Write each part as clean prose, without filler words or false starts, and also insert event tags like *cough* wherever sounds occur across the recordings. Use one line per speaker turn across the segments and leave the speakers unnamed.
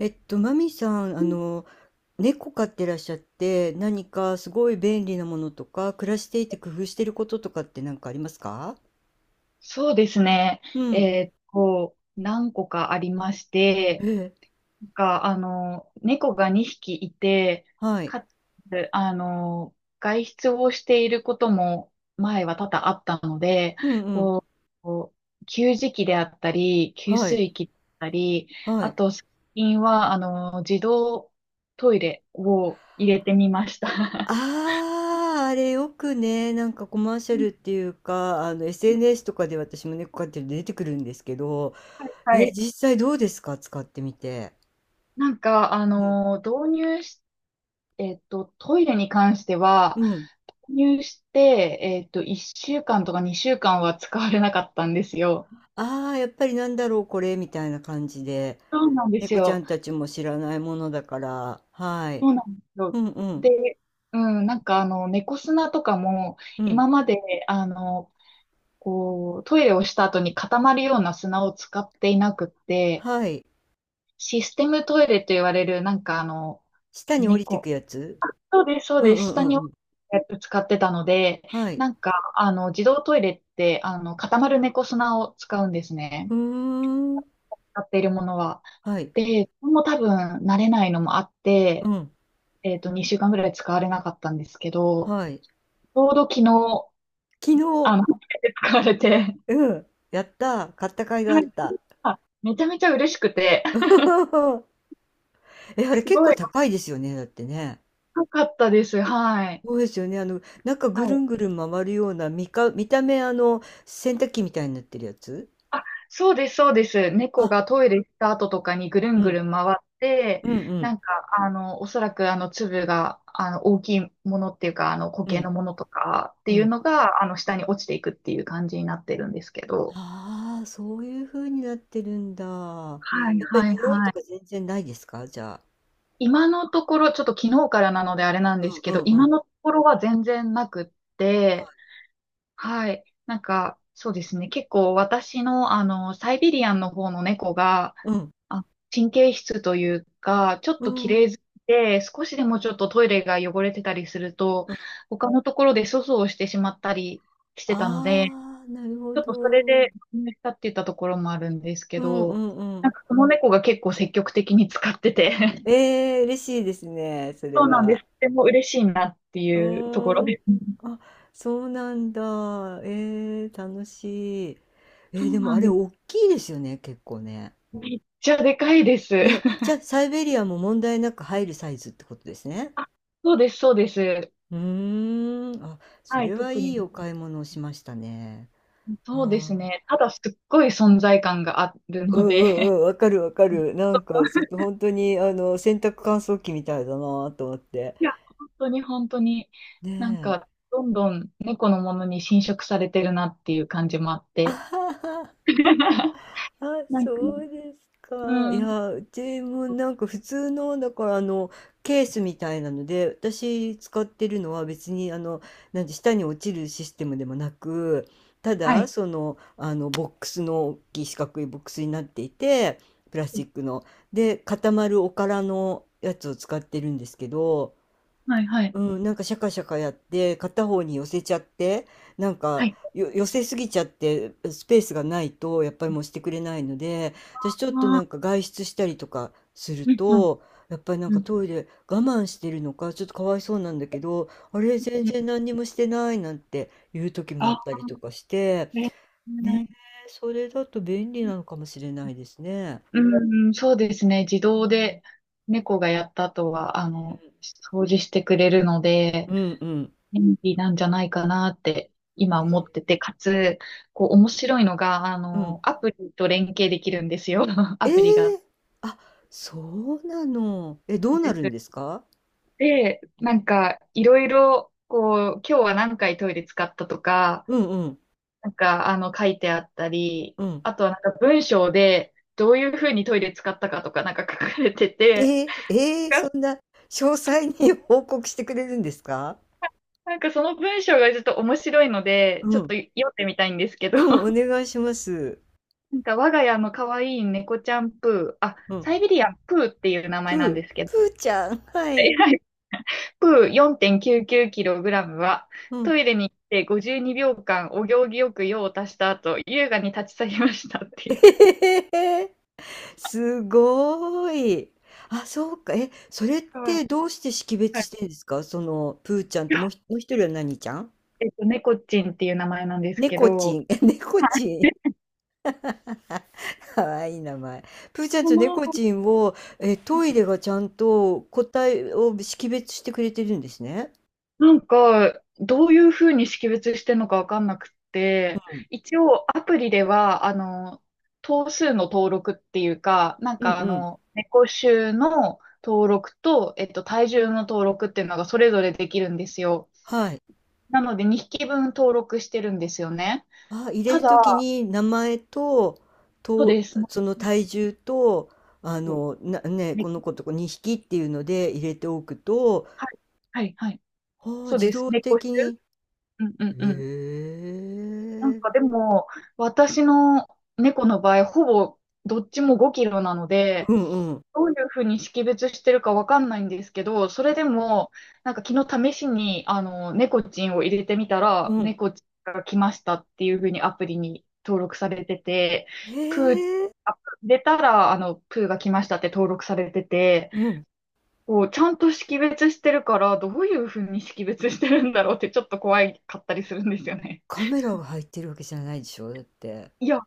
マミさん、猫飼ってらっしゃって、何かすごい便利なものとか、暮らしていて工夫してることとかって何かありますか？
そうですね。
うん。
何個かありまし
え
て、
え、
猫が2匹いて、
はい。
かつ、外出をしていることも前は多々あったので、
うんうん。
ここう給餌器であったり、給
はい。
水器だったり、
は
あ
い。
と、最近は、自動トイレを入れてみました。
ああ、あれよくね、なんかコマーシャルっ
*laughs*
ていうか、SNS とかで私も猫飼ってるんで出てくるんですけど、
は
え、
い。
実際どうですか、使ってみて。
なんか、あ
うん。
の、導入しトイレに関して
う
は、
ん。
購入して、1週間とか2週間は使われなかったんですよ。
ああ、やっぱりなんだろう、これ、みたいな感じで。
そうなんです
猫ちゃ
よ。
んたちも知らないものだから、はい。
そうなんです
う
よ。
んうん、
で、うん、猫砂とかも、
うん。
今まで、あの、トイレをした後に固まるような砂を使っていなくって、
はい。
システムトイレと言われる、
下に降りて
猫、
くやつ。
そうです、そう
う
で
んう
す。
んう
下
ん
に
う
や
ん。
つ使ってたので、
はい。
自動トイレって、固まる猫砂を使うんですね。
うーん。
使っているものは。
はい。
で、これも多分慣れないのもあっ
う
て、
ん。
2週間ぐらい使われなかったんですけど、
はい。
ちょうど昨日、
昨日、
初めて使われて、
うん。やった。買った甲斐があ
はい。
った。
めちゃめちゃ嬉しくて、
*laughs* え、あれ
すご
結構
い
高いですよね、だってね。
良かったです。はい。
そうですよね。なんか
は
ぐる
い。
んぐるん回るような、見た目洗濯機みたいになってるやつ。
あ、そうです、そうです。
あ、
猫がトイレ行った後とかにぐるん
う
ぐ
ん。
るん回って、
うんうん。
おそらく、粒が、大きいものっていうか、固
う
形の
ん。
ものとかって
う
いう
ん。
のが、下に落ちていくっていう感じになってるんですけど。
ああ、そういう風になってるんだ。や
はい、
っぱり
はい、
匂いと
はい。
か全然ないですか、じゃあ？
今のところ、ちょっと昨日からなのであれなん
う
で
ん
すけど、
うんう
今
ん。
のところは全然なくって、はい。そうですね。結構私の、サイビリアンの方の猫が、
うん。
あ、神経質というか、ちょっ
う
と綺
ん。
麗好きで、少しでもちょっとトイレが汚れてたりすると、
うん。
他のところで粗相をしてしまったりしてたので、
ああ、なるほ
ちょっとそれ
ど。うん
で、まねしたって言ったところもあるんですけ
う
ど、
んうん。
その猫が結構積極的に使ってて、*laughs*
ええ、嬉しいですね、それ
そうなんです。
は。
とても嬉しいなって
う
いうとこ
ー
ろ
ん。
です。
あ、そうなんだ。ええ、楽しい。
そう
でも
な
あ
ん
れ
です。
おっきいですよね、結構ね。
めっちゃでかいです。
ね、じゃ、あサイベリアも問題なく入るサイズってことですね？
あ、そうです、そうです。
うーん、あ、そ
はい、
れは
特
い
に。
いお買い物をしましたね。
そうです
は、
ね。ただすっごい存在感がある
うん
の
う
で、
んうん、わかるわか
*laughs*
る。なんかちょっと本当に洗濯乾燥機みたいだなと思って。
いや、本当に本当に、
ねえ。
どんどん猫のものに侵食されてるなっていう感じもあっ
あ
て。
はは。
*laughs*
あ、
なんか、
そうですか。い
うん。
や、うちもなんか普通の、だからケースみたいなので、私使ってるのは別になんて下に落ちるシステムでもなく、た
は
だ、
い。
ボックスの、大きい四角いボックスになっていて、プラスチックの。で、固まるおからのやつを使ってるんですけど、
はいはい。
うん、なんかシャカシャカやって片方に寄せちゃって、なん
は
か
い。
よ寄せすぎちゃってスペースがないとやっぱりもうしてくれないので、私ちょっと
あ
なんか
あ、
外出したりとかする
うん、うん、
と、やっぱりなん
う
か
ん。
トイレ我慢してるのかちょっとかわいそうなんだけど、あれ全
うん、
然何にもしてないなんていう時もあっ
あ、
たりとかして。
ね、
ねえ、それだと便利なのかもしれないですね。
うんうん、そうですね。自
う
動
ん
で猫がやった後は、掃除してくれるので、
うんうんうん。
便利なんじゃないかなって今
へ
思っ
え。
てて、かつ、こう面白いのが、
うん。
アプリと連携できるんですよ。*laughs*
え
アプリが
え。あ、そうなの。え、どうな
で
るんで
す。
すか？
で、いろいろ、今日は何回トイレ使ったとか、
うんうん
書いてあったり、
うん。
あとは文章で、どういうふうにトイレ使ったかとか、書かれて
え
て、
ー、えー、
が
そんな詳細に *laughs* 報告してくれるんですか？
その文章がちょっと面白いので、ち
う
ょっ
ん。
と読んでみたいんですけど、
うん、お
*laughs*
願いします。
我が家の可愛い猫ちゃんプー、
うん。
サイベリアンプーっていう名前なん
プ
ですけ
ー、
ど、
プーちゃん。はい。
*laughs* 約 4.99kg は、
う
ト
ん。
イレに行って52秒間お行儀よく用を足した後、優雅に立ち去りましたって
え
いう。
へへへ。すごーい。あ、そうか。え、それっ
はい。
てどうして識
は
別し
い。
てるんですか、その、プーちゃんともう一人は何ちゃん？
猫ちんっていう名前なんですけ
猫ち
ど、
ん。え、猫ちん。かわいい名前。プーちゃん
こ
と
の、
猫ちんを、え、トイレがちゃんと個体を識別してくれてるんですね。
なんか、どういうふうに識別してるのかわかんなく
う
て、
ん。
一応アプリでは、頭数の登録っていうか、
うんうん。
猫種の登録と、体重の登録っていうのがそれぞれできるんですよ。
はい。
なので2匹分登録してるんですよね。
あ、入れ
た
る
だ、
ときに名前と、
そう
と、
です。
その体重と、
猫猫
この子と2匹っていうので入れておくと、
はい、はい、はい。
ああ、
そう
自
です。
動的に。
うんうんうん。
へえ。
でも、私の猫の場合、ほぼどっちも5キロなの
う
で、
んうん。
どういうふうに識別してるかわかんないんですけど、それでも、昨日試しに、猫ちんを入れてみた
う
ら、
ん。
猫ちんが来ましたっていうふうにアプリに登録されてて、プー、
へえ。
あ入れたら、プーが来ましたって登録されてて、
うん。
ちゃんと識別してるから、どういうふうに識別してるんだろうってちょっと怖かったりするんですよね。
カメラが入ってるわけじゃないでしょ、だって。
いや、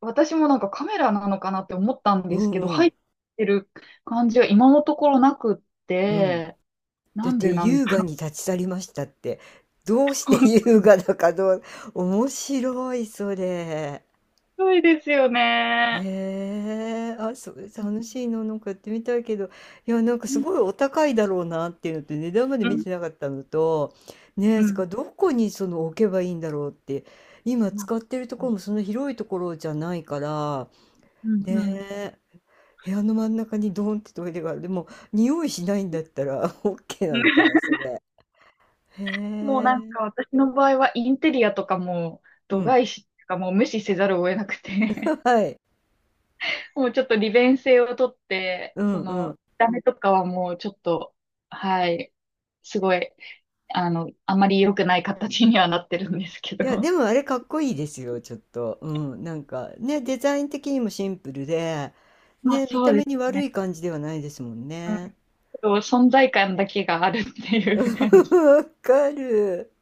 私もカメラなのかなって思ったん
う
です
ん
けど、
う
入
ん。
ってる感じは今のところなくっ
うん。
て、
だ
な
っ
ん
て
でなんだ
優雅
ろ
に立ち去りましたって、どう
う。
して優
*laughs* す
雅だか面白い、それ。
ごいですよね。
へえ、あ、そう楽しいの、なんかやってみたいけど、いや、なんか
う
す
ん
ごいお高いだろうなっていうのと、値段まで
う
見
ん
てなかったのと、ねえ、
う
それか
ん。
らどこにその置けばいいんだろうって、今使ってるところもそんな広いところじゃないから、
うんう
ね
ん。
え、部屋の真ん中にドーンってトイレがある。でも、匂いしないんだったら *laughs* OK なのかな、
*laughs*
それ。へ
もう
え。
私の場合はインテリアとかも
う
度
ん。
外視とかもう無視せざるを得なくて、
*laughs* はい。
*laughs* もうちょっと利便性をとって、
うんうん。
ダメとかはもうちょっと、はい、すごいあんまり良くない形にはなってるんですけ
いや、で
ど。
もあれかっこいいですよ、ちょっと。うん。なんかね、デザイン的にもシンプルで、
まあ
ね、見
そ
た
うで
目
す
に悪
ね。
い感じではないですもん
う
ね。
ん、そう、存在感だけがあるって
*laughs*
いう感じ。
わかる。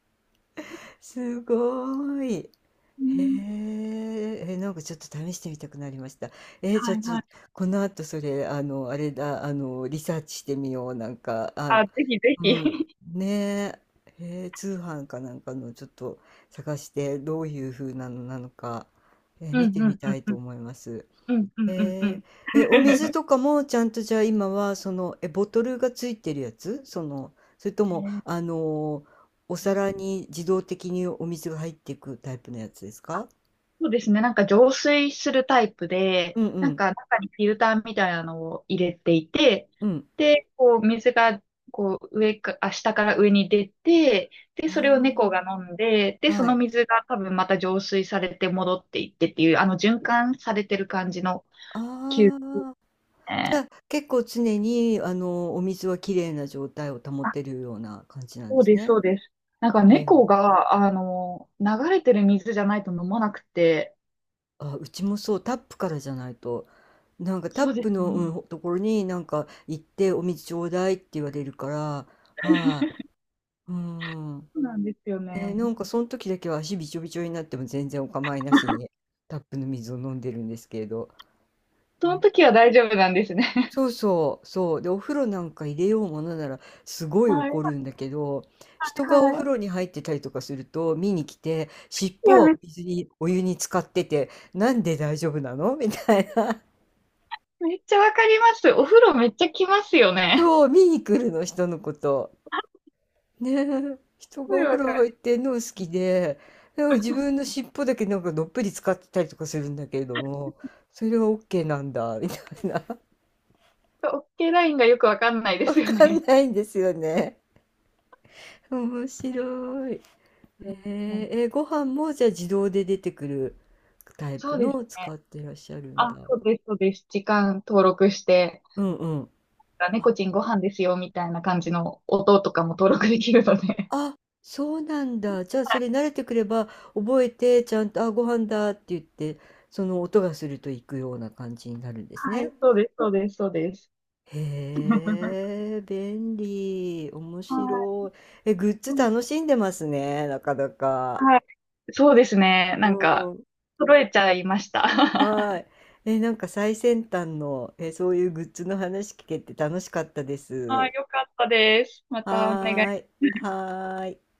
すごい。
う
へ
ん、
え、え、なんかちょっと試してみたくなりました。えー、じゃ
は
あ
い
ち
は
ょ、
い。
この後それ、あれだ、リサーチしてみよう。なんか、あ、
ぜひぜ
う
ひ。
ん、ねえ、へえ、通販かなんかのちょっと、探してどういう風なのか、え、
う
見
ん
て
う
み
ん
たい
う
と
ん
思います。
うんうんうんうんう
え
ん。
ーえ、お水
*laughs*
とかもちゃんと、じゃあ今はその、え、ボトルがついてるやつ、それとも、
ね、
お皿に自動的にお水が入っていくタイプのやつですか？
そうですね。浄水するタイプで、
うんうん。
中にフィルターみたいなのを入れていて、
うん。
で、水がこう上か、あ、下から上に出て、で、
あ
それを猫が飲んで、
あ、
で、そ
は
の
い。
水が多分また浄水されて戻っていってっていう、循環されてる感じの球
ああ、じゃ
ね。
あ、結構常に、お水は綺麗な状態を保
あ、
てるような感じなん
そ
で
う
す
です、
ね。
そうです。
へえ。
猫が、流れてる水じゃないと飲まなくて、
あ、うちもそう、タップからじゃないと、なんかタッ
そうで
プ
す
の、
ね。
うん、ところになんか行ってお水ちょうだいって言われるから、はい、うん。
そうなんですよ
えー、
ね。
なんかその時だけは足びちょびちょになっても全然お構いなしにタップの水を飲んでるんですけれど。
その
ね、
時は大丈夫なんですね。*laughs*
そうそう、そう。で、お風呂なんか入れようものならすごい
はい。
怒るんだけど、人がお
は
風
い。
呂に入ってたりとかすると見に来て、尻
い
尾
や、
はお水に、お湯に浸かってて、なんで大丈夫なの、みたいな。
めっちゃわかります。お風呂めっちゃきますよ
*laughs*
ね。
そう、見に来るの、人のこと。ねえ、人
*laughs* すご
が
い
お風
わか
呂入っ
る。
てんの好きで、でも自分の尻尾だけなんかどっぷり使ってたりとかするんだけれども、それは OK なんだ、みたいな。*laughs*
OK ラインがよくわかんないで
わ
すよ
かん
ね。
ないんですよね。面白い。へ
うんうん、
え、え、ご飯もじゃあ自動で出てくるタイ
そ
プ
うで
の
す
を使
ね。
ってらっしゃるんだ。
そうです、そうです。時間登録して、
うんうん。あ、
猫ちんご飯ですよ、みたいな感じの音とかも登録できるので。
あ、そうなんだ。じゃあそれ慣れてくれば覚えてちゃんと、あ、ご飯だって言って、その音がすると行くような感じになるんです
は
ね。
い、そうです、そうです、そうです。
へえ、便利。面
はい、
白い。え、グッズ
うん、
楽しんでますね、なかなか。
はい。そうですね。
うん。
揃えちゃいました。
は
*laughs*
い。え、なんか最先端の、え、そういうグッズの話聞けて楽しかったです。
よかったです。またお願
はー
い
い。はーい。